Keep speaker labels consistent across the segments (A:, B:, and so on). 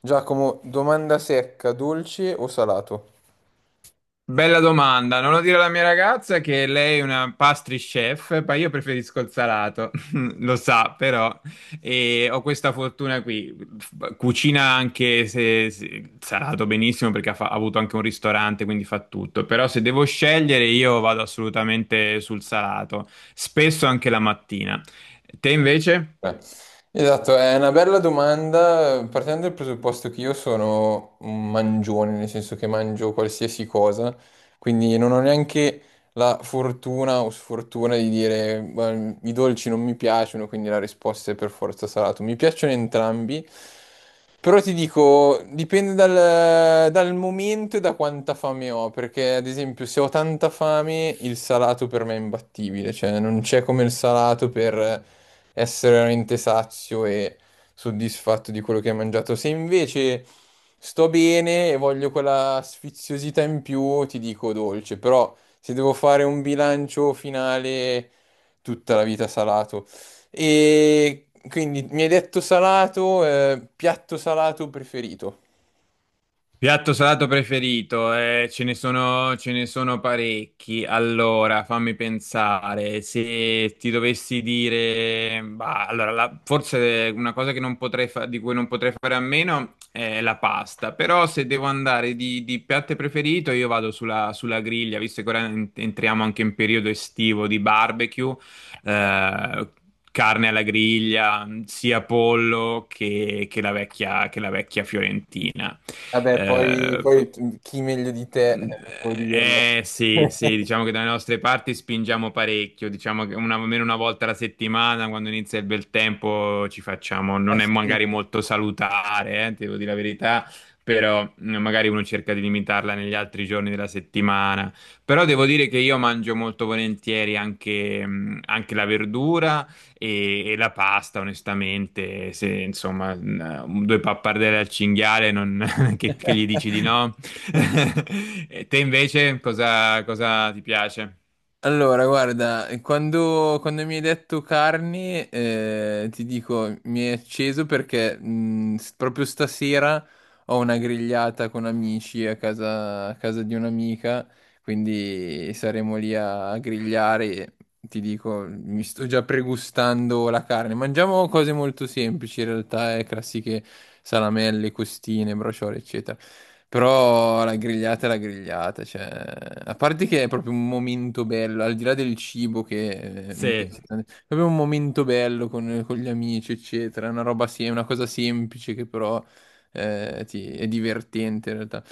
A: Giacomo, domanda secca, dolce o salato?
B: Bella domanda, non lo dire alla mia ragazza che lei è una pastry chef, ma io preferisco il salato, lo sa però, e ho questa fortuna qui, cucina anche se salato benissimo perché ha avuto anche un ristorante, quindi fa tutto, però se devo scegliere io vado assolutamente sul salato, spesso anche la mattina. Te invece?
A: Eh, Esatto, è una bella domanda. Partendo dal presupposto che io sono un mangione, nel senso che mangio qualsiasi cosa, quindi non ho neanche la fortuna o sfortuna di dire "beh, i dolci non mi piacciono, quindi la risposta è per forza salato". Mi piacciono entrambi, però ti dico, dipende dal momento e da quanta fame ho, perché ad esempio se ho tanta fame il salato per me è imbattibile, cioè non c'è come il salato per essere veramente sazio e soddisfatto di quello che hai mangiato. Se invece sto bene e voglio quella sfiziosità in più, ti dico dolce, però se devo fare un bilancio finale, tutta la vita salato. E quindi mi hai detto salato, piatto salato preferito.
B: Piatto salato preferito, ce ne sono parecchi. Allora, fammi pensare, se ti dovessi dire, bah, allora, forse una cosa che non di cui non potrei fare a meno è la pasta, però se devo andare di piatto preferito io vado sulla griglia, visto che ora entriamo anche in periodo estivo di barbecue, eh, carne alla griglia, sia pollo che la vecchia fiorentina.
A: Vabbè, poi,
B: Eh,
A: poi chi meglio di te,
B: mm,
A: può dirlo.
B: sì, sì, diciamo che dalle nostre parti spingiamo parecchio, diciamo che una, almeno una volta alla settimana, quando inizia il bel tempo, ci facciamo, non è
A: Sì,
B: magari molto salutare, devo dire la verità, però magari uno cerca di limitarla negli altri giorni della settimana. Però devo dire che io mangio molto volentieri anche, anche la verdura e la pasta, onestamente, se insomma due pappardelle al cinghiale non che gli dici di no. E te invece cosa ti piace?
A: allora, guarda, quando mi hai detto carni, ti dico, mi è acceso perché proprio stasera ho una grigliata con amici a casa di un'amica, quindi saremo lì a grigliare e ti dico, mi sto già pregustando la carne. Mangiamo cose molto semplici in realtà, classiche: salamelle, costine, brociole, eccetera. Però la grigliata è la grigliata, cioè, a parte che è proprio un momento bello, al di là del cibo che, mi piace
B: Sì.
A: tanto, è proprio un momento bello con gli amici, eccetera. È una roba una cosa semplice, che però è divertente in realtà.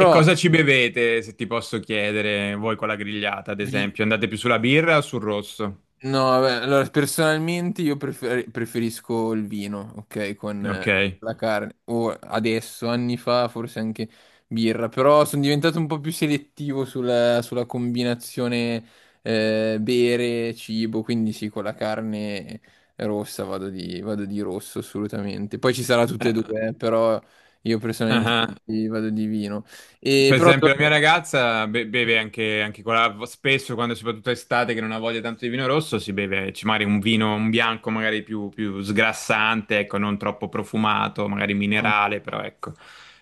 B: E cosa ci bevete, se ti posso chiedere, voi con la grigliata, ad
A: vi-
B: esempio? Andate più sulla birra o sul rosso?
A: no, vabbè, allora personalmente io preferisco il vino, ok, con
B: Ok.
A: la carne. O adesso, anni fa, forse anche birra, però sono diventato un po' più selettivo sulla, sulla combinazione bere, cibo, quindi sì, con la carne rossa vado di rosso assolutamente. Poi ci sarà tutte e due, però io personalmente
B: Ah.
A: vado di vino. E
B: Per
A: però...
B: esempio, la mia ragazza beve anche, anche con spesso, quando soprattutto estate, che non ha voglia tanto di vino rosso, si beve magari un vino, un bianco magari più sgrassante, ecco, non troppo profumato, magari minerale, però ecco,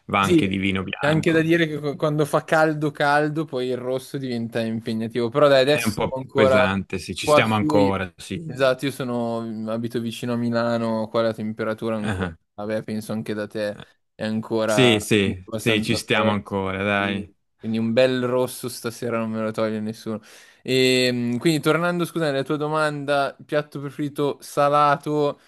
B: va
A: sì,
B: anche di vino
A: c'è anche da
B: bianco.
A: dire che quando fa caldo caldo poi il rosso diventa impegnativo, però dai,
B: È
A: adesso
B: un
A: siamo
B: po'
A: ancora
B: pesante, sì, ci
A: qua
B: stiamo
A: su,
B: ancora, sì.
A: esatto, io sono, abito vicino a Milano, qua la temperatura ancora,
B: Ah,
A: vabbè, penso anche da te,
B: eh.
A: è ancora
B: Sì, sì, sì, ci
A: abbastanza
B: stiamo
A: fresca,
B: ancora, dai.
A: sì. Quindi un bel rosso stasera non me lo toglie nessuno. E quindi tornando, scusa, alla tua domanda, piatto preferito salato...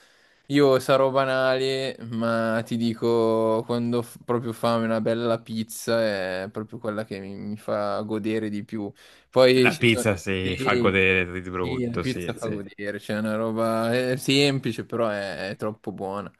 A: Io sarò banale, ma ti dico, quando proprio fame, una bella pizza è proprio quella che mi fa godere di più. Poi
B: La
A: ci sono...
B: pizza si fa
A: Sì,
B: godere di
A: sì, la
B: brutto,
A: pizza
B: sì,
A: fa
B: sì.
A: godere, c'è una roba è semplice, però è troppo buona.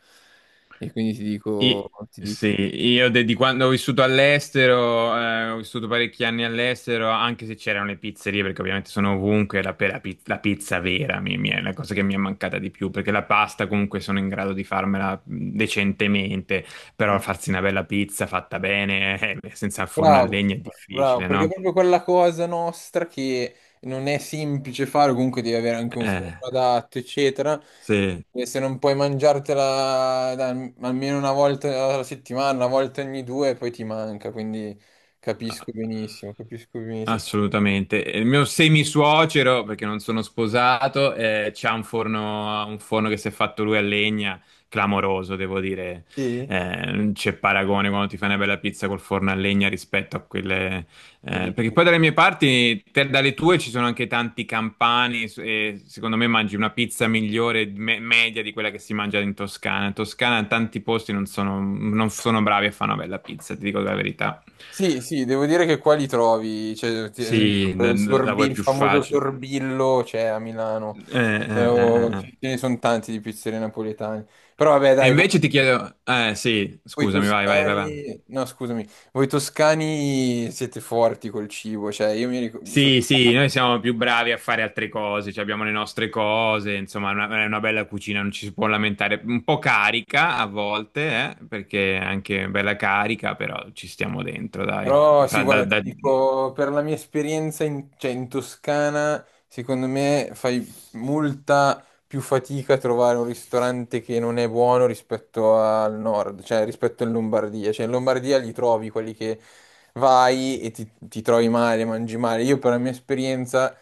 A: E quindi
B: I-
A: ti dico
B: sì,
A: pizza.
B: io di quando ho vissuto all'estero, ho vissuto parecchi anni all'estero, anche se c'erano le pizzerie, perché ovviamente sono ovunque, la, pe- la pi- la pizza vera mi è la cosa che mi è mancata di più, perché la pasta comunque sono in grado di farmela decentemente, però farsi una bella pizza fatta bene, senza il forno a
A: Bravo,
B: legna è
A: bravo,
B: difficile,
A: perché è
B: no?
A: proprio quella cosa nostra che non è semplice fare, comunque devi avere anche un
B: Eh,
A: forno adatto, eccetera.
B: sì.
A: E se non puoi mangiartela almeno una volta alla settimana, una volta ogni due, poi ti manca, quindi capisco benissimo, capisco benissimo.
B: Assolutamente. Il mio semisuocero, perché non sono sposato, c'ha un forno che si è fatto lui a legna, clamoroso, devo dire.
A: Sì?
B: Non c'è paragone quando ti fai una bella pizza col forno a legna rispetto a quelle...
A: E
B: perché poi dalle mie parti, dalle tue ci sono anche tanti campani e secondo me mangi una pizza migliore, media di quella che si mangia in Toscana. In Toscana tanti posti non sono bravi a fare una bella pizza, ti dico la verità.
A: sì, sì, devo dire che qua li trovi, cioè, ad
B: Sì,
A: esempio, il
B: la vuoi
A: il
B: più
A: famoso
B: facile.
A: sorbillo c'è a Milano.
B: Eh.
A: Ce ne sono tanti di pizzerie napoletane. Però vabbè,
B: E
A: dai,
B: invece ti chiedo, eh sì,
A: voi
B: scusami, vai, vai, vai, vai.
A: toscani, no, scusami, voi toscani siete forti col cibo, cioè io mi ricordo,
B: Sì, sì, noi siamo più bravi a fare altre cose, cioè abbiamo le nostre cose, insomma, è è una bella cucina, non ci si può lamentare. Un po' carica a volte, perché è anche bella carica, però ci stiamo dentro, dai.
A: però sì, guarda, ti dico, per la mia esperienza in, cioè, in Toscana, secondo me fai molta più fatica a trovare un ristorante che non è buono rispetto al nord, cioè rispetto in Lombardia. Cioè in Lombardia li trovi quelli che vai e ti trovi male, mangi male. Io per la mia esperienza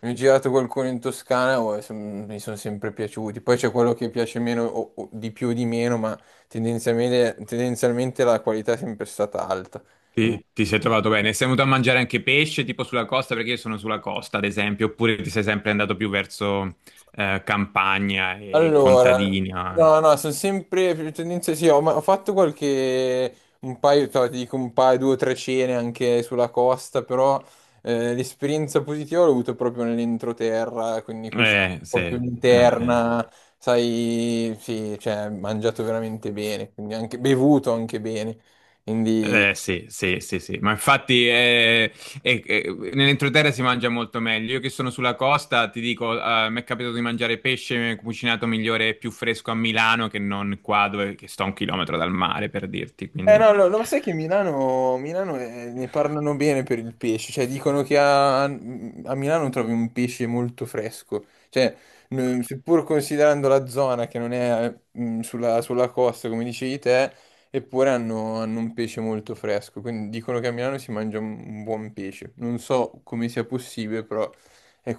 A: mi ho girato qualcuno in Toscana, oh, e mi sono sempre piaciuti. Poi c'è quello che piace meno o di più o di meno, ma tendenzialmente, tendenzialmente la qualità è sempre stata alta.
B: Ti, ti sei trovato bene? Sei venuto a mangiare anche pesce, tipo sulla costa, perché io sono sulla costa, ad esempio, oppure ti sei sempre andato più verso campagna e
A: Allora,
B: contadina?
A: no, no, sono sempre più tendenze, sì, ho, ho fatto qualche, un paio, ti dico un paio, due o tre cene anche sulla costa, però l'esperienza positiva l'ho avuto proprio nell'entroterra, quindi cucina
B: Sì,
A: un po' più
B: eh.
A: interna, sai, sì, cioè, mangiato veramente bene, quindi anche, bevuto anche bene, quindi
B: Sì, sì, sì, sì. Ma infatti nell'entroterra si mangia molto meglio. Io che sono sulla costa, ti dico, mi è capitato di mangiare pesce cucinato migliore e più fresco a Milano che non qua dove che sto a 1 chilometro dal mare, per dirti,
A: eh, no,
B: quindi...
A: no, no, ma sai che Milano, Milano ne parlano bene per il pesce, cioè dicono che a Milano trovi un pesce molto fresco, cioè seppur considerando la zona che non è mm, sulla, sulla costa come dicevi te, eppure hanno, hanno un pesce molto fresco, quindi dicono che a Milano si mangia un buon pesce, non so come sia possibile.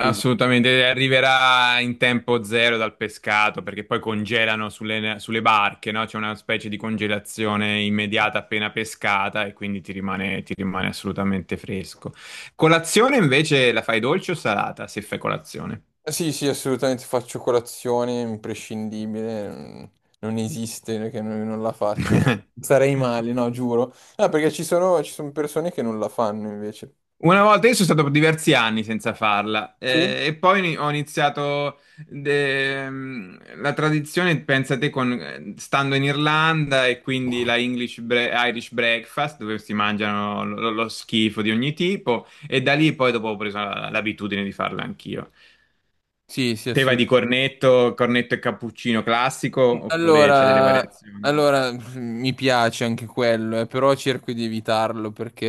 B: Assolutamente, arriverà in tempo zero dal pescato perché poi congelano sulle barche, no? C'è una specie di congelazione immediata appena pescata e quindi ti rimane assolutamente fresco. Colazione invece la fai dolce o salata se fai colazione?
A: Sì, sì, assolutamente faccio colazione, imprescindibile, mm, non esiste che non, non la faccio. Sarei male, no, giuro. Ah, perché ci sono persone che non la fanno invece.
B: Una volta io sono stato per diversi anni senza farla
A: Sì?
B: e poi ho iniziato la tradizione, pensate, con, stando in Irlanda e quindi la English Irish breakfast dove si mangiano lo schifo di ogni tipo e da lì poi dopo ho preso l'abitudine di farla anch'io.
A: Sì, sì,
B: Te vai di
A: assolutamente.
B: cornetto, cornetto e cappuccino classico oppure c'è delle
A: Allora,
B: variazioni?
A: allora, mi piace anche quello, però cerco di evitarlo perché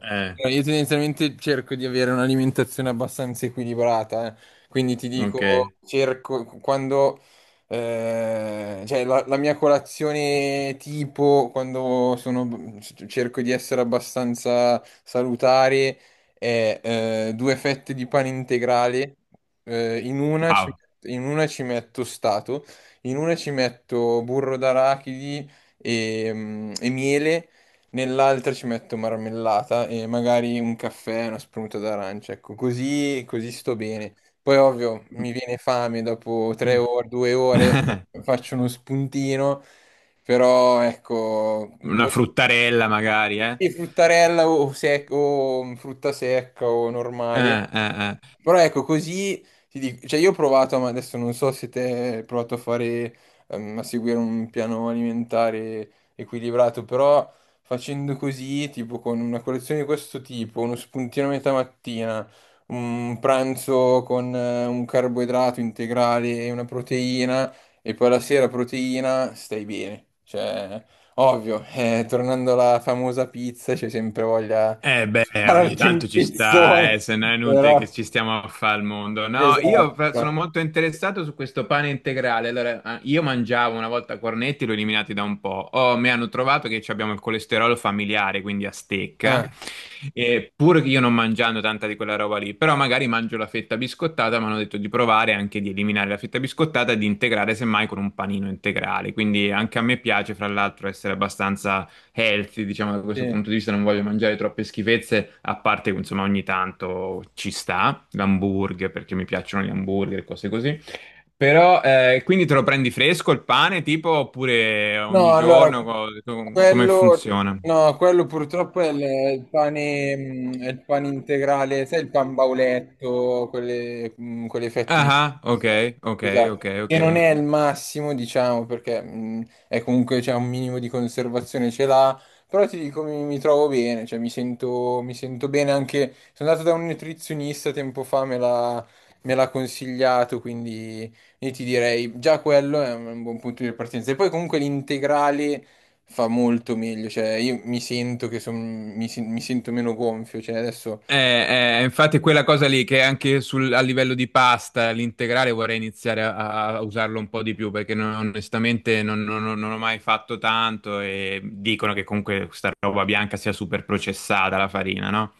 B: Eh,
A: io tendenzialmente cerco di avere un'alimentazione abbastanza equilibrata, eh. Quindi ti
B: ok.
A: dico, cerco quando, cioè la mia colazione tipo, quando sono, cerco di essere abbastanza salutare, è due fette di pane integrale, eh, in una ci
B: Wow.
A: in una ci metto stato. In una ci metto burro d'arachidi e, mm, e miele, nell'altra ci metto marmellata e magari un caffè, una spremuta d'arancia. Ecco, così, così sto bene. Poi ovvio mi viene fame dopo tre ore, due ore, faccio uno spuntino, però ecco,
B: Una
A: poi
B: fruttarella magari, eh?
A: sì, fruttarella o, o frutta secca o normali.
B: Eh.
A: Però ecco, così ti dico, cioè io ho provato, ma adesso non so se te hai provato a fare, a seguire un piano alimentare equilibrato, però facendo così, tipo con una colazione di questo tipo, uno spuntino a metà mattina, un pranzo con un carboidrato integrale e una proteina, e poi la sera proteina, stai bene. Cioè, ovvio, tornando alla famosa pizza, c'è sempre voglia
B: Eh beh,
A: di
B: ogni
A: pararti un
B: tanto ci sta,
A: pizzone,
B: se no è inutile
A: però...
B: che ci stiamo a fare al mondo. No, io
A: Esatto.
B: sono molto interessato su questo pane integrale. Allora, ah, io mangiavo una volta cornetti, l'ho eliminati da un po'. Oh, mi hanno trovato che ci abbiamo il colesterolo familiare, quindi a
A: Ah,
B: stecca. E pur che io non mangiando tanta di quella roba lì, però magari mangio la fetta biscottata, mi hanno detto di provare anche di eliminare la fetta biscottata e di integrare semmai con un panino integrale. Quindi anche a me piace, fra l'altro, essere abbastanza healthy, diciamo da questo punto di
A: sì.
B: vista, non voglio mangiare troppe schifezze, a parte che insomma ogni tanto ci sta, l'hamburger, perché mi piacciono gli hamburger, e cose così. Però quindi te lo prendi fresco il pane, tipo, oppure ogni
A: No, allora,
B: giorno, come
A: quello,
B: funziona?
A: no, quello purtroppo è è il pane, mm, è il pane integrale, sai il pan bauletto, quelle, mm, quelle fette di...
B: Ah, ah, ok, ok, ok,
A: Esatto, che
B: ok.
A: non è il massimo, diciamo, perché mm, è comunque c'è un minimo di conservazione, ce l'ha, però ti dico, mi trovo bene, cioè mi sento bene anche... Sono andato da un nutrizionista tempo fa, me l'ha consigliato, quindi... Io ti direi già quello è un buon punto di partenza. E poi comunque l'integrale fa molto meglio, cioè io mi sento che mi, mi sento meno gonfio, cioè adesso
B: Infatti quella cosa lì che anche a livello di pasta, l'integrale vorrei iniziare a usarlo un po' di più perché onestamente non ho mai fatto tanto e dicono che comunque questa roba bianca sia super processata la farina, no?